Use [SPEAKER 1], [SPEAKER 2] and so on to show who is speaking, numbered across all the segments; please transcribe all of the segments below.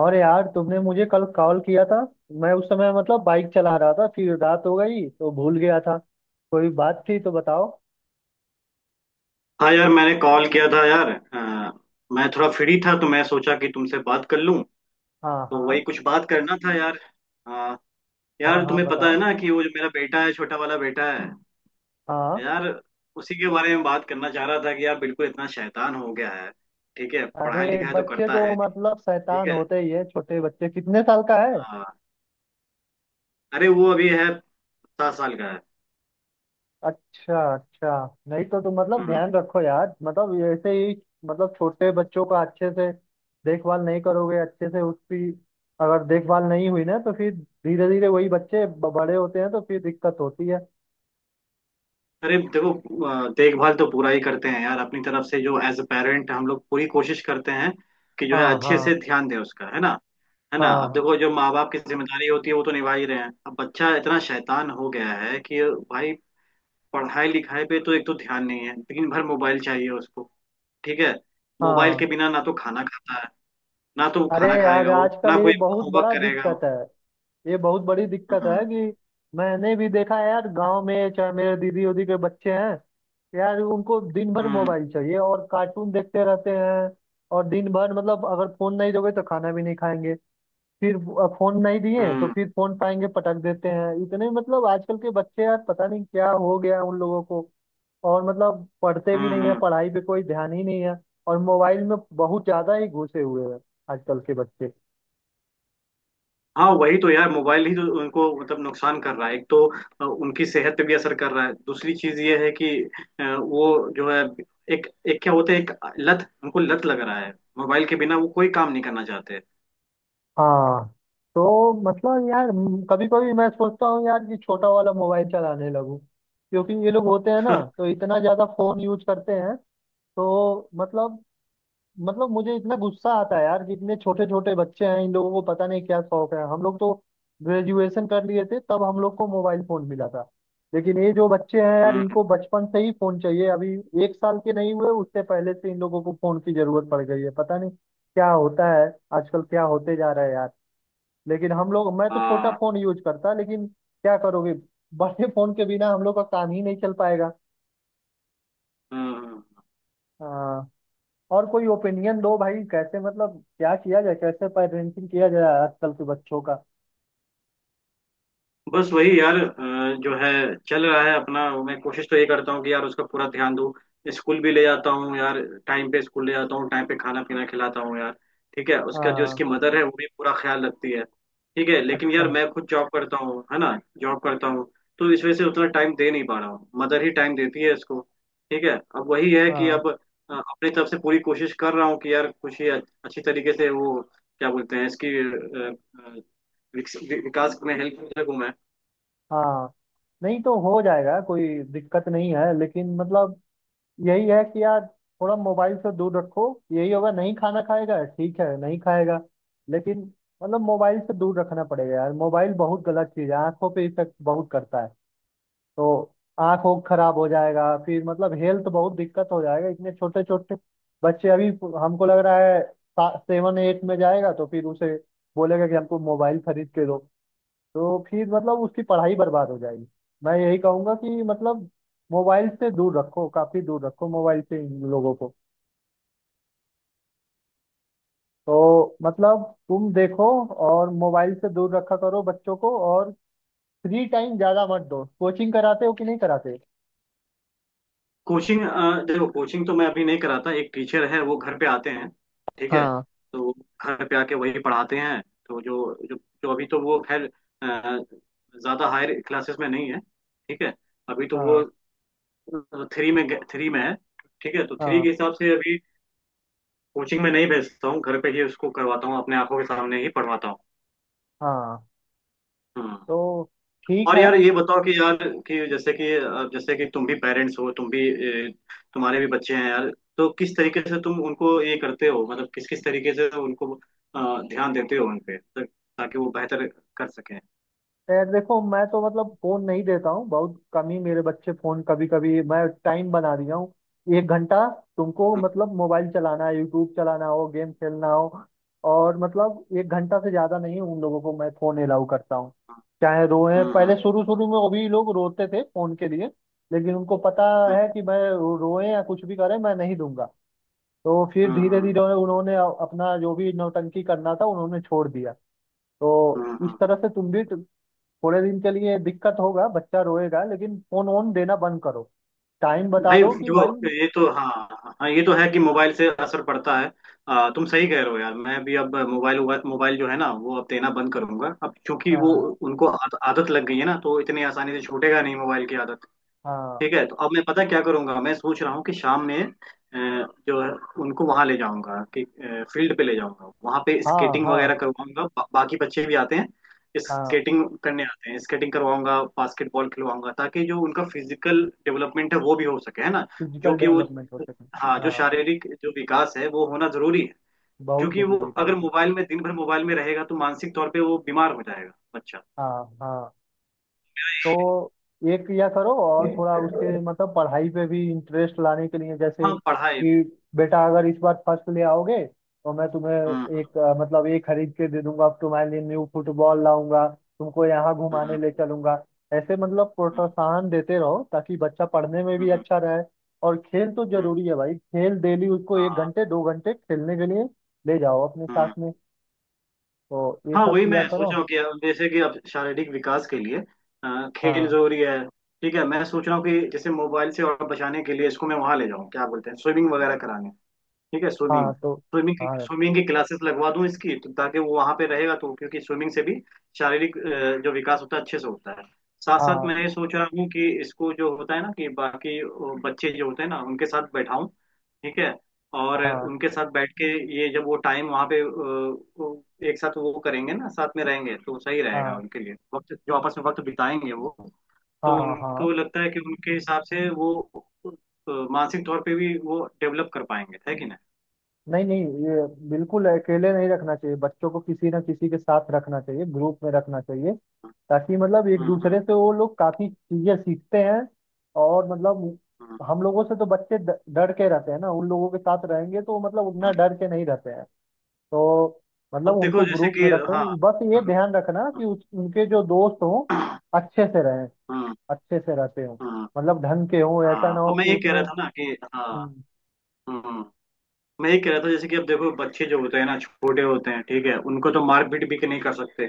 [SPEAKER 1] और यार, तुमने मुझे कल कॉल किया था। मैं उस समय बाइक चला रहा था, फिर रात हो गई तो भूल गया था। कोई बात थी तो बताओ।
[SPEAKER 2] हाँ यार, मैंने कॉल किया था यार। मैं थोड़ा फ्री था, तो मैं सोचा कि तुमसे बात कर लूं।
[SPEAKER 1] हाँ,
[SPEAKER 2] तो
[SPEAKER 1] हाँ।
[SPEAKER 2] वही कुछ बात करना था यार। अ,
[SPEAKER 1] हाँ,
[SPEAKER 2] यार
[SPEAKER 1] हाँ
[SPEAKER 2] तुम्हें पता है
[SPEAKER 1] बताओ।
[SPEAKER 2] ना कि वो जो मेरा बेटा है, छोटा वाला बेटा है।
[SPEAKER 1] हाँ।
[SPEAKER 2] यार उसी के बारे में बात करना चाह रहा था कि यार बिल्कुल इतना शैतान हो गया है। ठीक है,
[SPEAKER 1] अरे
[SPEAKER 2] पढ़ाई लिखाई तो
[SPEAKER 1] बच्चे
[SPEAKER 2] करता
[SPEAKER 1] तो
[SPEAKER 2] है। ठीक
[SPEAKER 1] शैतान
[SPEAKER 2] है।
[SPEAKER 1] होते ही है। छोटे बच्चे, कितने साल का है?
[SPEAKER 2] हाँ। अरे वो अभी है, 7 साल का है।
[SPEAKER 1] अच्छा अच्छा। नहीं तो तुम
[SPEAKER 2] हम्म।
[SPEAKER 1] ध्यान रखो यार, ऐसे ही। छोटे बच्चों का अच्छे से देखभाल नहीं करोगे, अच्छे से उसकी अगर देखभाल नहीं हुई ना, तो फिर धीरे धीरे वही बच्चे बड़े होते हैं तो फिर दिक्कत होती है।
[SPEAKER 2] अरे देखो, देखभाल तो पूरा ही करते हैं यार, अपनी तरफ से जो एज अ पेरेंट हम लोग पूरी कोशिश करते हैं कि जो है
[SPEAKER 1] हाँ,
[SPEAKER 2] अच्छे
[SPEAKER 1] हाँ।
[SPEAKER 2] से ध्यान दें उसका, है ना। है ना, अब
[SPEAKER 1] हाँ,
[SPEAKER 2] देखो जो माँ बाप की जिम्मेदारी होती है वो तो निभा ही रहे हैं, अब बच्चा इतना शैतान हो गया है कि भाई पढ़ाई लिखाई पे तो एक तो ध्यान नहीं है, दिन भर मोबाइल चाहिए उसको। ठीक है। मोबाइल के
[SPEAKER 1] हाँ।
[SPEAKER 2] बिना ना तो खाना खाता है, ना तो
[SPEAKER 1] अरे
[SPEAKER 2] खाना
[SPEAKER 1] यार,
[SPEAKER 2] खाएगा वो,
[SPEAKER 1] आजकल
[SPEAKER 2] ना
[SPEAKER 1] ये
[SPEAKER 2] कोई
[SPEAKER 1] बहुत
[SPEAKER 2] होमवर्क
[SPEAKER 1] बड़ा
[SPEAKER 2] करेगा
[SPEAKER 1] दिक्कत
[SPEAKER 2] वो।
[SPEAKER 1] है। ये बहुत बड़ी दिक्कत है
[SPEAKER 2] हम्म।
[SPEAKER 1] कि मैंने भी देखा है यार, गांव में चाहे मेरे दीदी उदी के बच्चे हैं, यार उनको दिन भर
[SPEAKER 2] हम्म।
[SPEAKER 1] मोबाइल चाहिए और कार्टून देखते रहते हैं। और दिन भर, अगर फोन नहीं दोगे तो खाना भी नहीं खाएंगे। फिर फोन नहीं दिए तो
[SPEAKER 2] हम्म।
[SPEAKER 1] फिर फोन पाएंगे, पटक देते हैं। इतने आजकल के बच्चे यार, पता नहीं क्या हो गया उन लोगों को। और पढ़ते भी
[SPEAKER 2] हम्म।
[SPEAKER 1] नहीं है,
[SPEAKER 2] हम्म।
[SPEAKER 1] पढ़ाई पे कोई ध्यान ही नहीं है। और मोबाइल में बहुत ज्यादा ही घुसे हुए हैं आजकल के बच्चे।
[SPEAKER 2] हाँ, वही तो यार, मोबाइल ही तो उनको मतलब नुकसान कर रहा है एक तो। उनकी सेहत पे भी असर कर रहा है। दूसरी चीज ये है कि वो जो है, एक एक क्या होता है, एक लत, उनको लत लग रहा है। मोबाइल के बिना वो कोई काम नहीं करना चाहते।
[SPEAKER 1] हाँ। तो यार, कभी कभी मैं सोचता हूँ यार कि छोटा वाला मोबाइल चलाने लगूं, क्योंकि ये लोग होते हैं ना तो इतना ज्यादा फोन यूज करते हैं। तो मुझे इतना गुस्सा आता है यार कि इतने छोटे छोटे बच्चे हैं, इन लोगों को पता नहीं क्या शौक है। हम लोग तो ग्रेजुएशन कर लिए थे तब हम लोग को मोबाइल फोन मिला था। लेकिन ये जो बच्चे हैं यार,
[SPEAKER 2] हम्म।
[SPEAKER 1] इनको बचपन से ही फोन चाहिए। अभी एक साल के नहीं हुए उससे पहले से इन लोगों को फोन की जरूरत पड़ गई है। पता नहीं क्या होता है आजकल, क्या होते जा रहा है यार। लेकिन हम लोग, मैं तो छोटा
[SPEAKER 2] हाँ।
[SPEAKER 1] फोन यूज करता, लेकिन क्या करोगे, बड़े फोन के बिना हम लोग का काम ही नहीं चल पाएगा।
[SPEAKER 2] हम्म। हम्म।
[SPEAKER 1] हाँ। और कोई ओपिनियन दो भाई, कैसे क्या किया जाए, कैसे पेरेंटिंग किया जाए आजकल के बच्चों का?
[SPEAKER 2] बस वही यार, जो है चल रहा है अपना। मैं कोशिश तो ये करता हूँ कि यार उसका पूरा ध्यान दूँ। स्कूल भी ले जाता हूँ यार, टाइम पे स्कूल ले जाता हूँ, टाइम पे खाना पीना खिलाता हूँ यार। ठीक है, उसका जो
[SPEAKER 1] हाँ।
[SPEAKER 2] इसकी मदर है वो भी पूरा ख्याल रखती है। ठीक है, लेकिन यार
[SPEAKER 1] अच्छा।
[SPEAKER 2] मैं खुद जॉब करता हूँ, है ना, जॉब करता हूँ। तो इस वजह से उतना टाइम दे नहीं पा रहा हूँ, मदर ही टाइम देती है इसको। ठीक है। अब वही है कि
[SPEAKER 1] हाँ,
[SPEAKER 2] अब अपनी तरफ से पूरी कोशिश कर रहा हूँ कि यार कुछ ही अच्छी तरीके से वो क्या बोलते हैं इसकी अ, विकास में हेल्प कर सकूँ मैं।
[SPEAKER 1] हाँ। नहीं तो हो जाएगा, कोई दिक्कत नहीं है, लेकिन यही है कि यार, थोड़ा मोबाइल से दूर रखो। यही होगा नहीं खाना खाएगा, ठीक है नहीं खाएगा, लेकिन मोबाइल से दूर रखना पड़ेगा यार। मोबाइल बहुत गलत चीज है, आंखों पे इफेक्ट बहुत करता है। तो आँख ओख खराब हो जाएगा, फिर हेल्थ बहुत दिक्कत हो जाएगा। इतने छोटे छोटे बच्चे, अभी हमको लग रहा है सेवन एट में जाएगा तो फिर उसे बोलेगा कि हमको मोबाइल खरीद के दो, तो फिर उसकी पढ़ाई बर्बाद हो जाएगी। मैं यही कहूंगा कि मोबाइल से दूर रखो, काफी दूर रखो मोबाइल से इन लोगों को। तो तुम देखो, और मोबाइल से दूर रखा करो बच्चों को, और फ्री टाइम ज्यादा मत दो। कोचिंग कराते हो कि नहीं कराते?
[SPEAKER 2] कोचिंग, देखो, कोचिंग तो मैं अभी नहीं कराता, एक टीचर है वो घर पे आते हैं। ठीक है।
[SPEAKER 1] हाँ।
[SPEAKER 2] तो वो घर पे आके वही पढ़ाते हैं। तो जो जो, जो अभी तो वो खैर अ, ज्यादा हायर क्लासेस में नहीं है। ठीक है, अभी तो वो
[SPEAKER 1] हाँ।
[SPEAKER 2] थ्री में है। ठीक है, तो थ्री
[SPEAKER 1] हाँ।
[SPEAKER 2] के हिसाब से अभी कोचिंग में नहीं भेजता हूँ, घर पे ही उसको करवाता हूँ, अपने आंखों के सामने ही पढ़वाता हूँ।
[SPEAKER 1] हाँ।
[SPEAKER 2] हम्म।
[SPEAKER 1] तो ठीक
[SPEAKER 2] और
[SPEAKER 1] है।
[SPEAKER 2] यार ये बताओ कि यार कि जैसे कि तुम भी पेरेंट्स हो, तुम भी ए, तुम्हारे भी बच्चे हैं यार। तो किस तरीके से तुम उनको ये करते हो, मतलब किस किस तरीके से उनको ध्यान देते हो उन पे, ताकि वो बेहतर कर सकें।
[SPEAKER 1] यार देखो, मैं तो फोन नहीं देता हूँ, बहुत कम ही मेरे बच्चे फोन। कभी कभी मैं टाइम बना दिया हूँ, एक घंटा। तुमको
[SPEAKER 2] हम्म।
[SPEAKER 1] मोबाइल चलाना है, यूट्यूब चलाना हो, गेम खेलना हो, और एक घंटा से ज्यादा नहीं उन लोगों को मैं फोन अलाउ करता हूँ। चाहे रोए,
[SPEAKER 2] हम्म। हम्म।
[SPEAKER 1] पहले शुरू शुरू में वो भी लोग रोते थे फोन के लिए, लेकिन उनको पता है कि मैं, रोए या कुछ भी करे, मैं नहीं दूंगा। तो फिर
[SPEAKER 2] हम्म। हम्म।
[SPEAKER 1] धीरे
[SPEAKER 2] हम्म।
[SPEAKER 1] धीरे उन्होंने अपना जो भी नौटंकी करना था उन्होंने छोड़ दिया। तो
[SPEAKER 2] हम्म।
[SPEAKER 1] इस
[SPEAKER 2] हम्म।
[SPEAKER 1] तरह से तुम भी, थोड़े दिन के लिए दिक्कत होगा, बच्चा रोएगा, लेकिन फोन ऑन देना बंद करो। टाइम बता
[SPEAKER 2] भाई
[SPEAKER 1] दो कि भाई।
[SPEAKER 2] देखो, ये तो हाँ, हाँ ये तो है कि मोबाइल से असर पड़ता है। तुम सही कह रहे हो यार। मैं भी अब मोबाइल जो है ना वो अब देना बंद करूंगा अब, क्योंकि वो
[SPEAKER 1] हाँ,
[SPEAKER 2] उनको आदत लग गई है ना, तो इतनी आसानी से छूटेगा नहीं मोबाइल की आदत।
[SPEAKER 1] हाँ।
[SPEAKER 2] ठीक है। तो अब मैं पता क्या करूंगा, मैं सोच रहा हूँ कि शाम में जो है, उनको वहां ले जाऊंगा कि फील्ड पे ले जाऊंगा, वहां पे
[SPEAKER 1] हाँ,
[SPEAKER 2] स्केटिंग
[SPEAKER 1] हाँ।
[SPEAKER 2] वगैरह करवाऊंगा। बाकी बच्चे भी आते हैं,
[SPEAKER 1] हाँ,
[SPEAKER 2] स्केटिंग करने आते हैं, स्केटिंग करवाऊंगा, बास्केटबॉल खिलवाऊंगा, ताकि जो उनका फिजिकल डेवलपमेंट है वो भी हो सके, है ना। जो
[SPEAKER 1] फिजिकल
[SPEAKER 2] कि वो
[SPEAKER 1] डेवलपमेंट हो सके।
[SPEAKER 2] हाँ, जो
[SPEAKER 1] हाँ,
[SPEAKER 2] शारीरिक जो विकास है वो होना जरूरी है।
[SPEAKER 1] बहुत
[SPEAKER 2] क्योंकि वो
[SPEAKER 1] जरूरी, बहुत
[SPEAKER 2] अगर
[SPEAKER 1] जरूरी।
[SPEAKER 2] मोबाइल में दिन भर मोबाइल में रहेगा तो मानसिक तौर पे वो बीमार हो जाएगा बच्चा।
[SPEAKER 1] हाँ, हाँ। तो एक या करो, और थोड़ा उसके पढ़ाई पे भी इंटरेस्ट लाने के लिए जैसे
[SPEAKER 2] हाँ। पढ़ाई।
[SPEAKER 1] कि बेटा, अगर इस बार फर्स्ट ले आओगे तो मैं
[SPEAKER 2] हम्म।
[SPEAKER 1] तुम्हें एक ये खरीद के दे दूंगा, तुम्हारे लिए न्यू फुटबॉल लाऊंगा, तुमको यहाँ
[SPEAKER 2] हम्म।
[SPEAKER 1] घुमाने
[SPEAKER 2] हम्म।
[SPEAKER 1] ले चलूंगा। ऐसे
[SPEAKER 2] हम्म।
[SPEAKER 1] प्रोत्साहन देते रहो, ताकि बच्चा पढ़ने में भी
[SPEAKER 2] हम्म।
[SPEAKER 1] अच्छा रहे। और खेल तो
[SPEAKER 2] हम्म।
[SPEAKER 1] जरूरी है भाई, खेल डेली उसको एक
[SPEAKER 2] हाँ।
[SPEAKER 1] घंटे दो घंटे खेलने के लिए ले जाओ अपने
[SPEAKER 2] हम्म।
[SPEAKER 1] साथ में। तो ये
[SPEAKER 2] हाँ,
[SPEAKER 1] सब
[SPEAKER 2] वही
[SPEAKER 1] किया
[SPEAKER 2] मैं सोच
[SPEAKER 1] करो।
[SPEAKER 2] रहा हूँ कि अब जैसे कि अब शारीरिक विकास के लिए खेल
[SPEAKER 1] हाँ,
[SPEAKER 2] जरूरी है। ठीक है, मैं सोच रहा हूँ कि जैसे मोबाइल से और बचाने के लिए इसको मैं वहां ले जाऊँ, क्या बोलते हैं, स्विमिंग वगैरह कराने। ठीक है, स्विमिंग,
[SPEAKER 1] हाँ। तो
[SPEAKER 2] स्विमिंग की
[SPEAKER 1] हाँ,
[SPEAKER 2] स्विमिंग की क्लासेस लगवा दूं इसकी, तो ताकि वो वहां पे रहेगा, तो क्योंकि स्विमिंग से भी शारीरिक जो विकास होता है अच्छे से होता है। साथ साथ
[SPEAKER 1] हाँ।
[SPEAKER 2] मैं ये सोच रहा हूँ कि इसको जो होता है ना कि बाकी बच्चे जो होते हैं ना उनके साथ बैठाऊं, ठीक है, और
[SPEAKER 1] हाँ,
[SPEAKER 2] उनके साथ बैठ के ये जब वो टाइम वहां पे वो एक साथ वो करेंगे ना, साथ में रहेंगे तो सही रहेगा
[SPEAKER 1] हाँ।
[SPEAKER 2] उनके लिए, वक्त जो आपस में वक्त बिताएंगे वो। तो
[SPEAKER 1] हाँ, हाँ।
[SPEAKER 2] उनको लगता है कि उनके हिसाब से वो अ, मानसिक तौर पे भी वो डेवलप कर पाएंगे, है कि ना।
[SPEAKER 1] नहीं नहीं, ये बिल्कुल अकेले नहीं रखना चाहिए बच्चों को, किसी ना किसी के साथ रखना चाहिए, ग्रुप में रखना चाहिए, ताकि एक
[SPEAKER 2] हाँ। हाँ।
[SPEAKER 1] दूसरे से वो लोग काफी चीजें सीखते हैं। और
[SPEAKER 2] हाँ।
[SPEAKER 1] हम लोगों से तो बच्चे डर के रहते हैं ना, उन लोगों के साथ रहेंगे तो उतना
[SPEAKER 2] हाँ।
[SPEAKER 1] डर के नहीं रहते हैं। तो
[SPEAKER 2] अब देखो
[SPEAKER 1] उनको
[SPEAKER 2] जैसे
[SPEAKER 1] ग्रुप में
[SPEAKER 2] कि
[SPEAKER 1] रख,
[SPEAKER 2] हाँ।
[SPEAKER 1] बस ये
[SPEAKER 2] हाँ।
[SPEAKER 1] ध्यान रखना कि उनके जो दोस्त हों
[SPEAKER 2] हाँ।
[SPEAKER 1] अच्छे से रहें,
[SPEAKER 2] हाँ।
[SPEAKER 1] अच्छे से रहते हों,
[SPEAKER 2] हाँ।
[SPEAKER 1] ढंग के हों, ऐसा ना
[SPEAKER 2] हाँ। अब
[SPEAKER 1] हो
[SPEAKER 2] मैं
[SPEAKER 1] कि
[SPEAKER 2] ये कह
[SPEAKER 1] उसमें।
[SPEAKER 2] रहा था ना कि हाँ,
[SPEAKER 1] हम्म।
[SPEAKER 2] हाँ, मैं ये कह रहा था, जैसे कि अब देखो, बच्चे जो होते हैं ना छोटे होते हैं, ठीक है, उनको तो मारपीट भी नहीं कर सकते।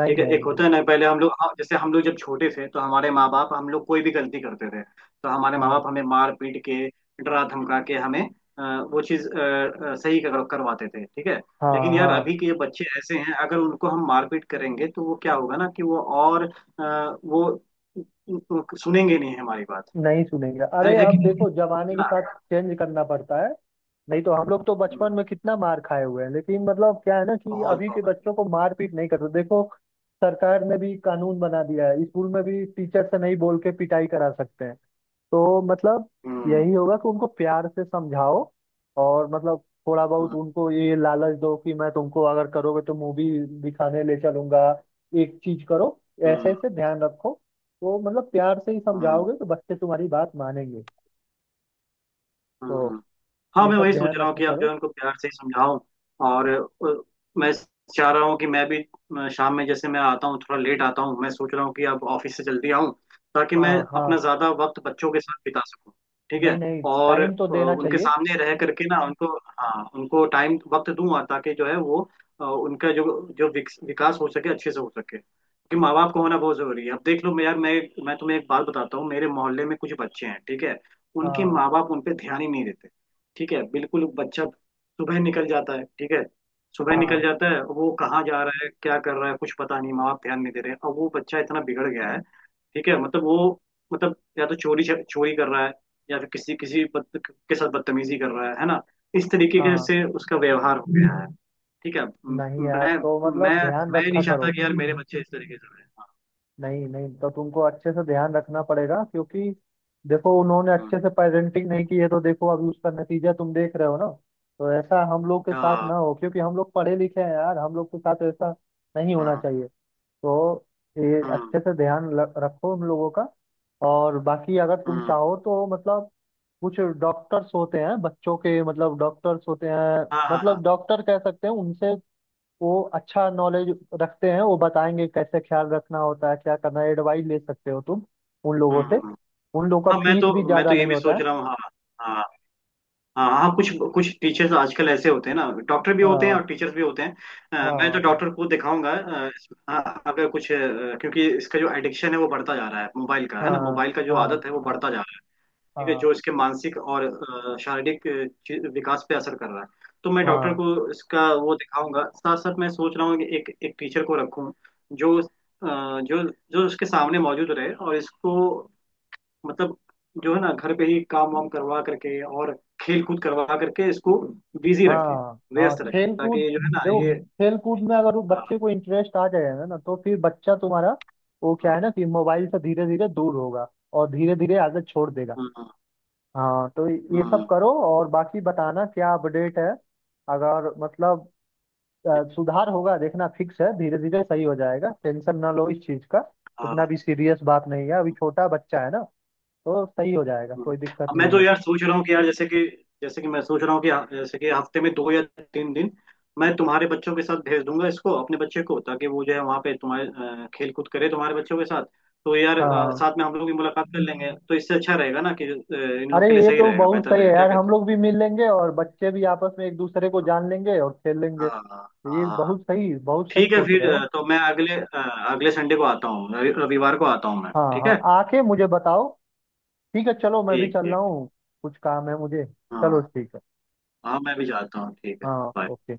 [SPEAKER 1] नहीं
[SPEAKER 2] ठीक है।
[SPEAKER 1] नहीं
[SPEAKER 2] एक
[SPEAKER 1] नहीं।
[SPEAKER 2] होता है ना, पहले हम लोग, हाँ, जैसे हम लोग जब छोटे थे तो हमारे माँ बाप, हम लोग कोई भी गलती करते थे तो हमारे माँ
[SPEAKER 1] हाँ,
[SPEAKER 2] बाप हमें मार पीट के, डरा धमका के हमें अ, वो चीज़ सही करवाते थे, ठीक है। लेकिन
[SPEAKER 1] हाँ।
[SPEAKER 2] यार
[SPEAKER 1] हाँ,
[SPEAKER 2] अभी के ये बच्चे ऐसे हैं, अगर उनको हम मारपीट करेंगे तो वो क्या होगा ना कि वो और वो सुनेंगे नहीं हमारी बात।
[SPEAKER 1] नहीं सुनेंगे। अरे
[SPEAKER 2] है कि
[SPEAKER 1] अब
[SPEAKER 2] नहीं है
[SPEAKER 1] देखो, जमाने के
[SPEAKER 2] ना?
[SPEAKER 1] साथ चेंज करना पड़ता है। नहीं तो हम लोग तो बचपन
[SPEAKER 2] हम्म,
[SPEAKER 1] में कितना मार खाए हुए हैं, लेकिन क्या है ना कि
[SPEAKER 2] बहुत
[SPEAKER 1] अभी के
[SPEAKER 2] बहुत।
[SPEAKER 1] बच्चों को मारपीट नहीं करते देखो, सरकार ने भी कानून बना दिया है, स्कूल में भी टीचर से नहीं बोल के पिटाई करा सकते हैं। तो
[SPEAKER 2] हम्म।
[SPEAKER 1] यही होगा कि उनको प्यार से समझाओ, और थोड़ा
[SPEAKER 2] हम्म।
[SPEAKER 1] बहुत उनको ये लालच दो कि मैं तुमको, अगर करोगे तो मूवी दिखाने ले चलूंगा, एक चीज करो, ऐसे
[SPEAKER 2] हम्म।
[SPEAKER 1] ऐसे ध्यान रखो। तो प्यार से ही
[SPEAKER 2] हम्म।
[SPEAKER 1] समझाओगे तो बच्चे तुम्हारी बात मानेंगे। तो
[SPEAKER 2] हम्म। हाँ,
[SPEAKER 1] ये
[SPEAKER 2] मैं
[SPEAKER 1] सब
[SPEAKER 2] वही सोच
[SPEAKER 1] ध्यान
[SPEAKER 2] रहा हूँ
[SPEAKER 1] रखा
[SPEAKER 2] कि अब जो
[SPEAKER 1] करो।
[SPEAKER 2] है उनको प्यार से ही समझाऊं, और मैं चाह रहा हूँ कि मैं भी शाम में जैसे मैं आता हूँ थोड़ा लेट आता हूँ, मैं सोच रहा हूँ कि अब ऑफिस से जल्दी आऊँ, ताकि मैं
[SPEAKER 1] हाँ,
[SPEAKER 2] अपना
[SPEAKER 1] हाँ।
[SPEAKER 2] ज्यादा वक्त बच्चों के साथ बिता सकूँ। ठीक
[SPEAKER 1] नहीं
[SPEAKER 2] है।
[SPEAKER 1] नहीं,
[SPEAKER 2] और
[SPEAKER 1] टाइम तो देना
[SPEAKER 2] उनके
[SPEAKER 1] चाहिए।
[SPEAKER 2] सामने रह करके ना उनको, हाँ, उनको टाइम वक्त दूँ, ताकि जो है वो उनका जो जो विकास हो सके, अच्छे से हो सके, क्योंकि माँ बाप का होना बहुत जरूरी है। अब देख लो, मैं यार, मैं तुम्हें एक बात बताता हूँ। मेरे मोहल्ले में कुछ बच्चे हैं, ठीक है, उनके
[SPEAKER 1] हाँ,
[SPEAKER 2] माँ बाप उन पे ध्यान ही नहीं देते। ठीक है, बिल्कुल बच्चा सुबह निकल जाता है। ठीक है, सुबह निकल
[SPEAKER 1] हाँ,
[SPEAKER 2] जाता है, वो कहाँ जा रहा है क्या कर रहा है कुछ पता नहीं, माँ बाप ध्यान नहीं दे रहे। अब वो बच्चा इतना बिगड़ गया है। ठीक है, मतलब वो, मतलब या तो चोरी चोरी कर रहा है, या फिर किसी किसी के साथ बदतमीजी कर रहा है ना, इस तरीके के
[SPEAKER 1] हाँ।
[SPEAKER 2] से उसका व्यवहार हो गया है। ठीक है।
[SPEAKER 1] नहीं यार,
[SPEAKER 2] मैं
[SPEAKER 1] तो
[SPEAKER 2] मैं
[SPEAKER 1] ध्यान
[SPEAKER 2] मैं नहीं
[SPEAKER 1] रखा
[SPEAKER 2] चाहता
[SPEAKER 1] करो।
[SPEAKER 2] कि यार मेरे बच्चे इस तरीके से रहे। हाँ।
[SPEAKER 1] नहीं नहीं तो तुमको अच्छे से ध्यान रखना पड़ेगा, क्योंकि देखो उन्होंने
[SPEAKER 2] हम्म,
[SPEAKER 1] अच्छे से पेरेंटिंग नहीं की है, तो देखो अभी उसका नतीजा तुम देख रहे हो ना। तो ऐसा हम लोग के साथ
[SPEAKER 2] हाँ।
[SPEAKER 1] ना हो, क्योंकि हम लोग पढ़े लिखे हैं यार, हम लोग के साथ ऐसा नहीं होना
[SPEAKER 2] हाँ।
[SPEAKER 1] चाहिए। तो ये
[SPEAKER 2] हम्म।
[SPEAKER 1] अच्छे से रखो उन लोगों का। और बाकी अगर तुम
[SPEAKER 2] हम्म।
[SPEAKER 1] चाहो तो कुछ डॉक्टर्स होते हैं बच्चों के, डॉक्टर्स होते हैं,
[SPEAKER 2] हाँ। हाँ। हाँ।
[SPEAKER 1] डॉक्टर कह सकते हैं उनसे। वो अच्छा नॉलेज रखते हैं, वो बताएंगे कैसे ख्याल रखना होता है, क्या करना है, एडवाइस ले सकते हो तुम उन लोगों
[SPEAKER 2] हम्म।
[SPEAKER 1] से।
[SPEAKER 2] हम्म।
[SPEAKER 1] उन लोगों का
[SPEAKER 2] हाँ, मैं
[SPEAKER 1] फीस भी
[SPEAKER 2] तो,
[SPEAKER 1] ज्यादा
[SPEAKER 2] ये
[SPEAKER 1] नहीं
[SPEAKER 2] भी
[SPEAKER 1] होता
[SPEAKER 2] सोच
[SPEAKER 1] है।
[SPEAKER 2] रहा हूँ। हाँ। हाँ। हाँ। हाँ, कुछ कुछ टीचर्स आजकल ऐसे होते हैं ना, डॉक्टर भी होते हैं
[SPEAKER 1] हाँ,
[SPEAKER 2] और टीचर्स भी होते हैं। मैं तो
[SPEAKER 1] हाँ,
[SPEAKER 2] डॉक्टर को दिखाऊंगा। हाँ, अगर कुछ क्योंकि इसका जो एडिक्शन है वो बढ़ता जा रहा है, मोबाइल का, है ना,
[SPEAKER 1] हाँ।
[SPEAKER 2] मोबाइल का जो
[SPEAKER 1] हाँ,
[SPEAKER 2] आदत है वो
[SPEAKER 1] हाँ,
[SPEAKER 2] बढ़ता जा रहा है। ठीक है,
[SPEAKER 1] हाँ।
[SPEAKER 2] जो इसके मानसिक और शारीरिक विकास पे असर कर रहा है। तो मैं डॉक्टर
[SPEAKER 1] हाँ,
[SPEAKER 2] को इसका वो दिखाऊंगा, साथ साथ मैं सोच रहा हूँ कि एक एक टीचर को रखूँ, जो जो जो उसके सामने मौजूद रहे और इसको मतलब जो है ना घर पे ही काम वाम करवा करके, और खेल कूद करवा करके इसको बिजी रखे,
[SPEAKER 1] हाँ। हाँ,
[SPEAKER 2] व्यस्त रखे,
[SPEAKER 1] खेल कूद।
[SPEAKER 2] ताकि जो है ना
[SPEAKER 1] देखो,
[SPEAKER 2] ये।
[SPEAKER 1] खेल कूद में अगर वो बच्चे
[SPEAKER 2] हाँ।
[SPEAKER 1] को इंटरेस्ट आ जाएगा ना, तो फिर बच्चा तुम्हारा, वो
[SPEAKER 2] हाँ।
[SPEAKER 1] क्या है ना कि मोबाइल से धीरे धीरे दूर होगा, और धीरे धीरे आदत छोड़ देगा।
[SPEAKER 2] हाँ।
[SPEAKER 1] हाँ, तो ये सब
[SPEAKER 2] हाँ।
[SPEAKER 1] करो, और बाकी बताना क्या अपडेट है। अगर सुधार होगा, देखना फिक्स है, धीरे धीरे सही हो जाएगा, टेंशन ना लो इस चीज का। उतना
[SPEAKER 2] हाँ।
[SPEAKER 1] भी सीरियस बात नहीं है, अभी छोटा बच्चा है ना, तो सही हो जाएगा,
[SPEAKER 2] हाँ।
[SPEAKER 1] कोई दिक्कत
[SPEAKER 2] अब मैं
[SPEAKER 1] नहीं
[SPEAKER 2] तो
[SPEAKER 1] है।
[SPEAKER 2] यार सोच रहा हूँ कि यार जैसे कि, मैं सोच रहा हूँ कि, हाँ, जैसे कि हफ्ते में 2 या 3 दिन मैं तुम्हारे बच्चों के साथ भेज दूंगा इसको, अपने बच्चे को, ताकि वो जो है वहाँ पे तुम्हारे खेल कूद करे, तुम्हारे बच्चों के साथ। तो यार,
[SPEAKER 1] हाँ।
[SPEAKER 2] साथ में हम लोग भी मुलाकात कर लेंगे, तो इससे अच्छा रहेगा ना कि इन
[SPEAKER 1] अरे
[SPEAKER 2] लोग के लिए
[SPEAKER 1] ये
[SPEAKER 2] सही
[SPEAKER 1] तो
[SPEAKER 2] रहेगा,
[SPEAKER 1] बहुत
[SPEAKER 2] बेहतर
[SPEAKER 1] सही है
[SPEAKER 2] रहेगा, क्या
[SPEAKER 1] यार, हम
[SPEAKER 2] कहते
[SPEAKER 1] लोग भी मिल लेंगे और बच्चे भी आपस में एक दूसरे को
[SPEAKER 2] हो।
[SPEAKER 1] जान लेंगे और खेल लेंगे,
[SPEAKER 2] हाँ। हाँ।
[SPEAKER 1] तो ये
[SPEAKER 2] हाँ।
[SPEAKER 1] बहुत सही, बहुत सही
[SPEAKER 2] ठीक है,
[SPEAKER 1] सोच रहे
[SPEAKER 2] फिर
[SPEAKER 1] हो।
[SPEAKER 2] तो मैं अगले संडे को आता हूँ, रविवार को आता हूँ मैं,
[SPEAKER 1] हाँ,
[SPEAKER 2] ठीक है।
[SPEAKER 1] हाँ आके मुझे बताओ। ठीक है, चलो मैं भी
[SPEAKER 2] ठीक,
[SPEAKER 1] चल रहा
[SPEAKER 2] ठीक।
[SPEAKER 1] हूँ, कुछ काम है मुझे। चलो
[SPEAKER 2] हाँ,
[SPEAKER 1] ठीक है।
[SPEAKER 2] हाँ, मैं भी जाता हूँ, ठीक है।
[SPEAKER 1] हाँ
[SPEAKER 2] Bye।
[SPEAKER 1] ओके।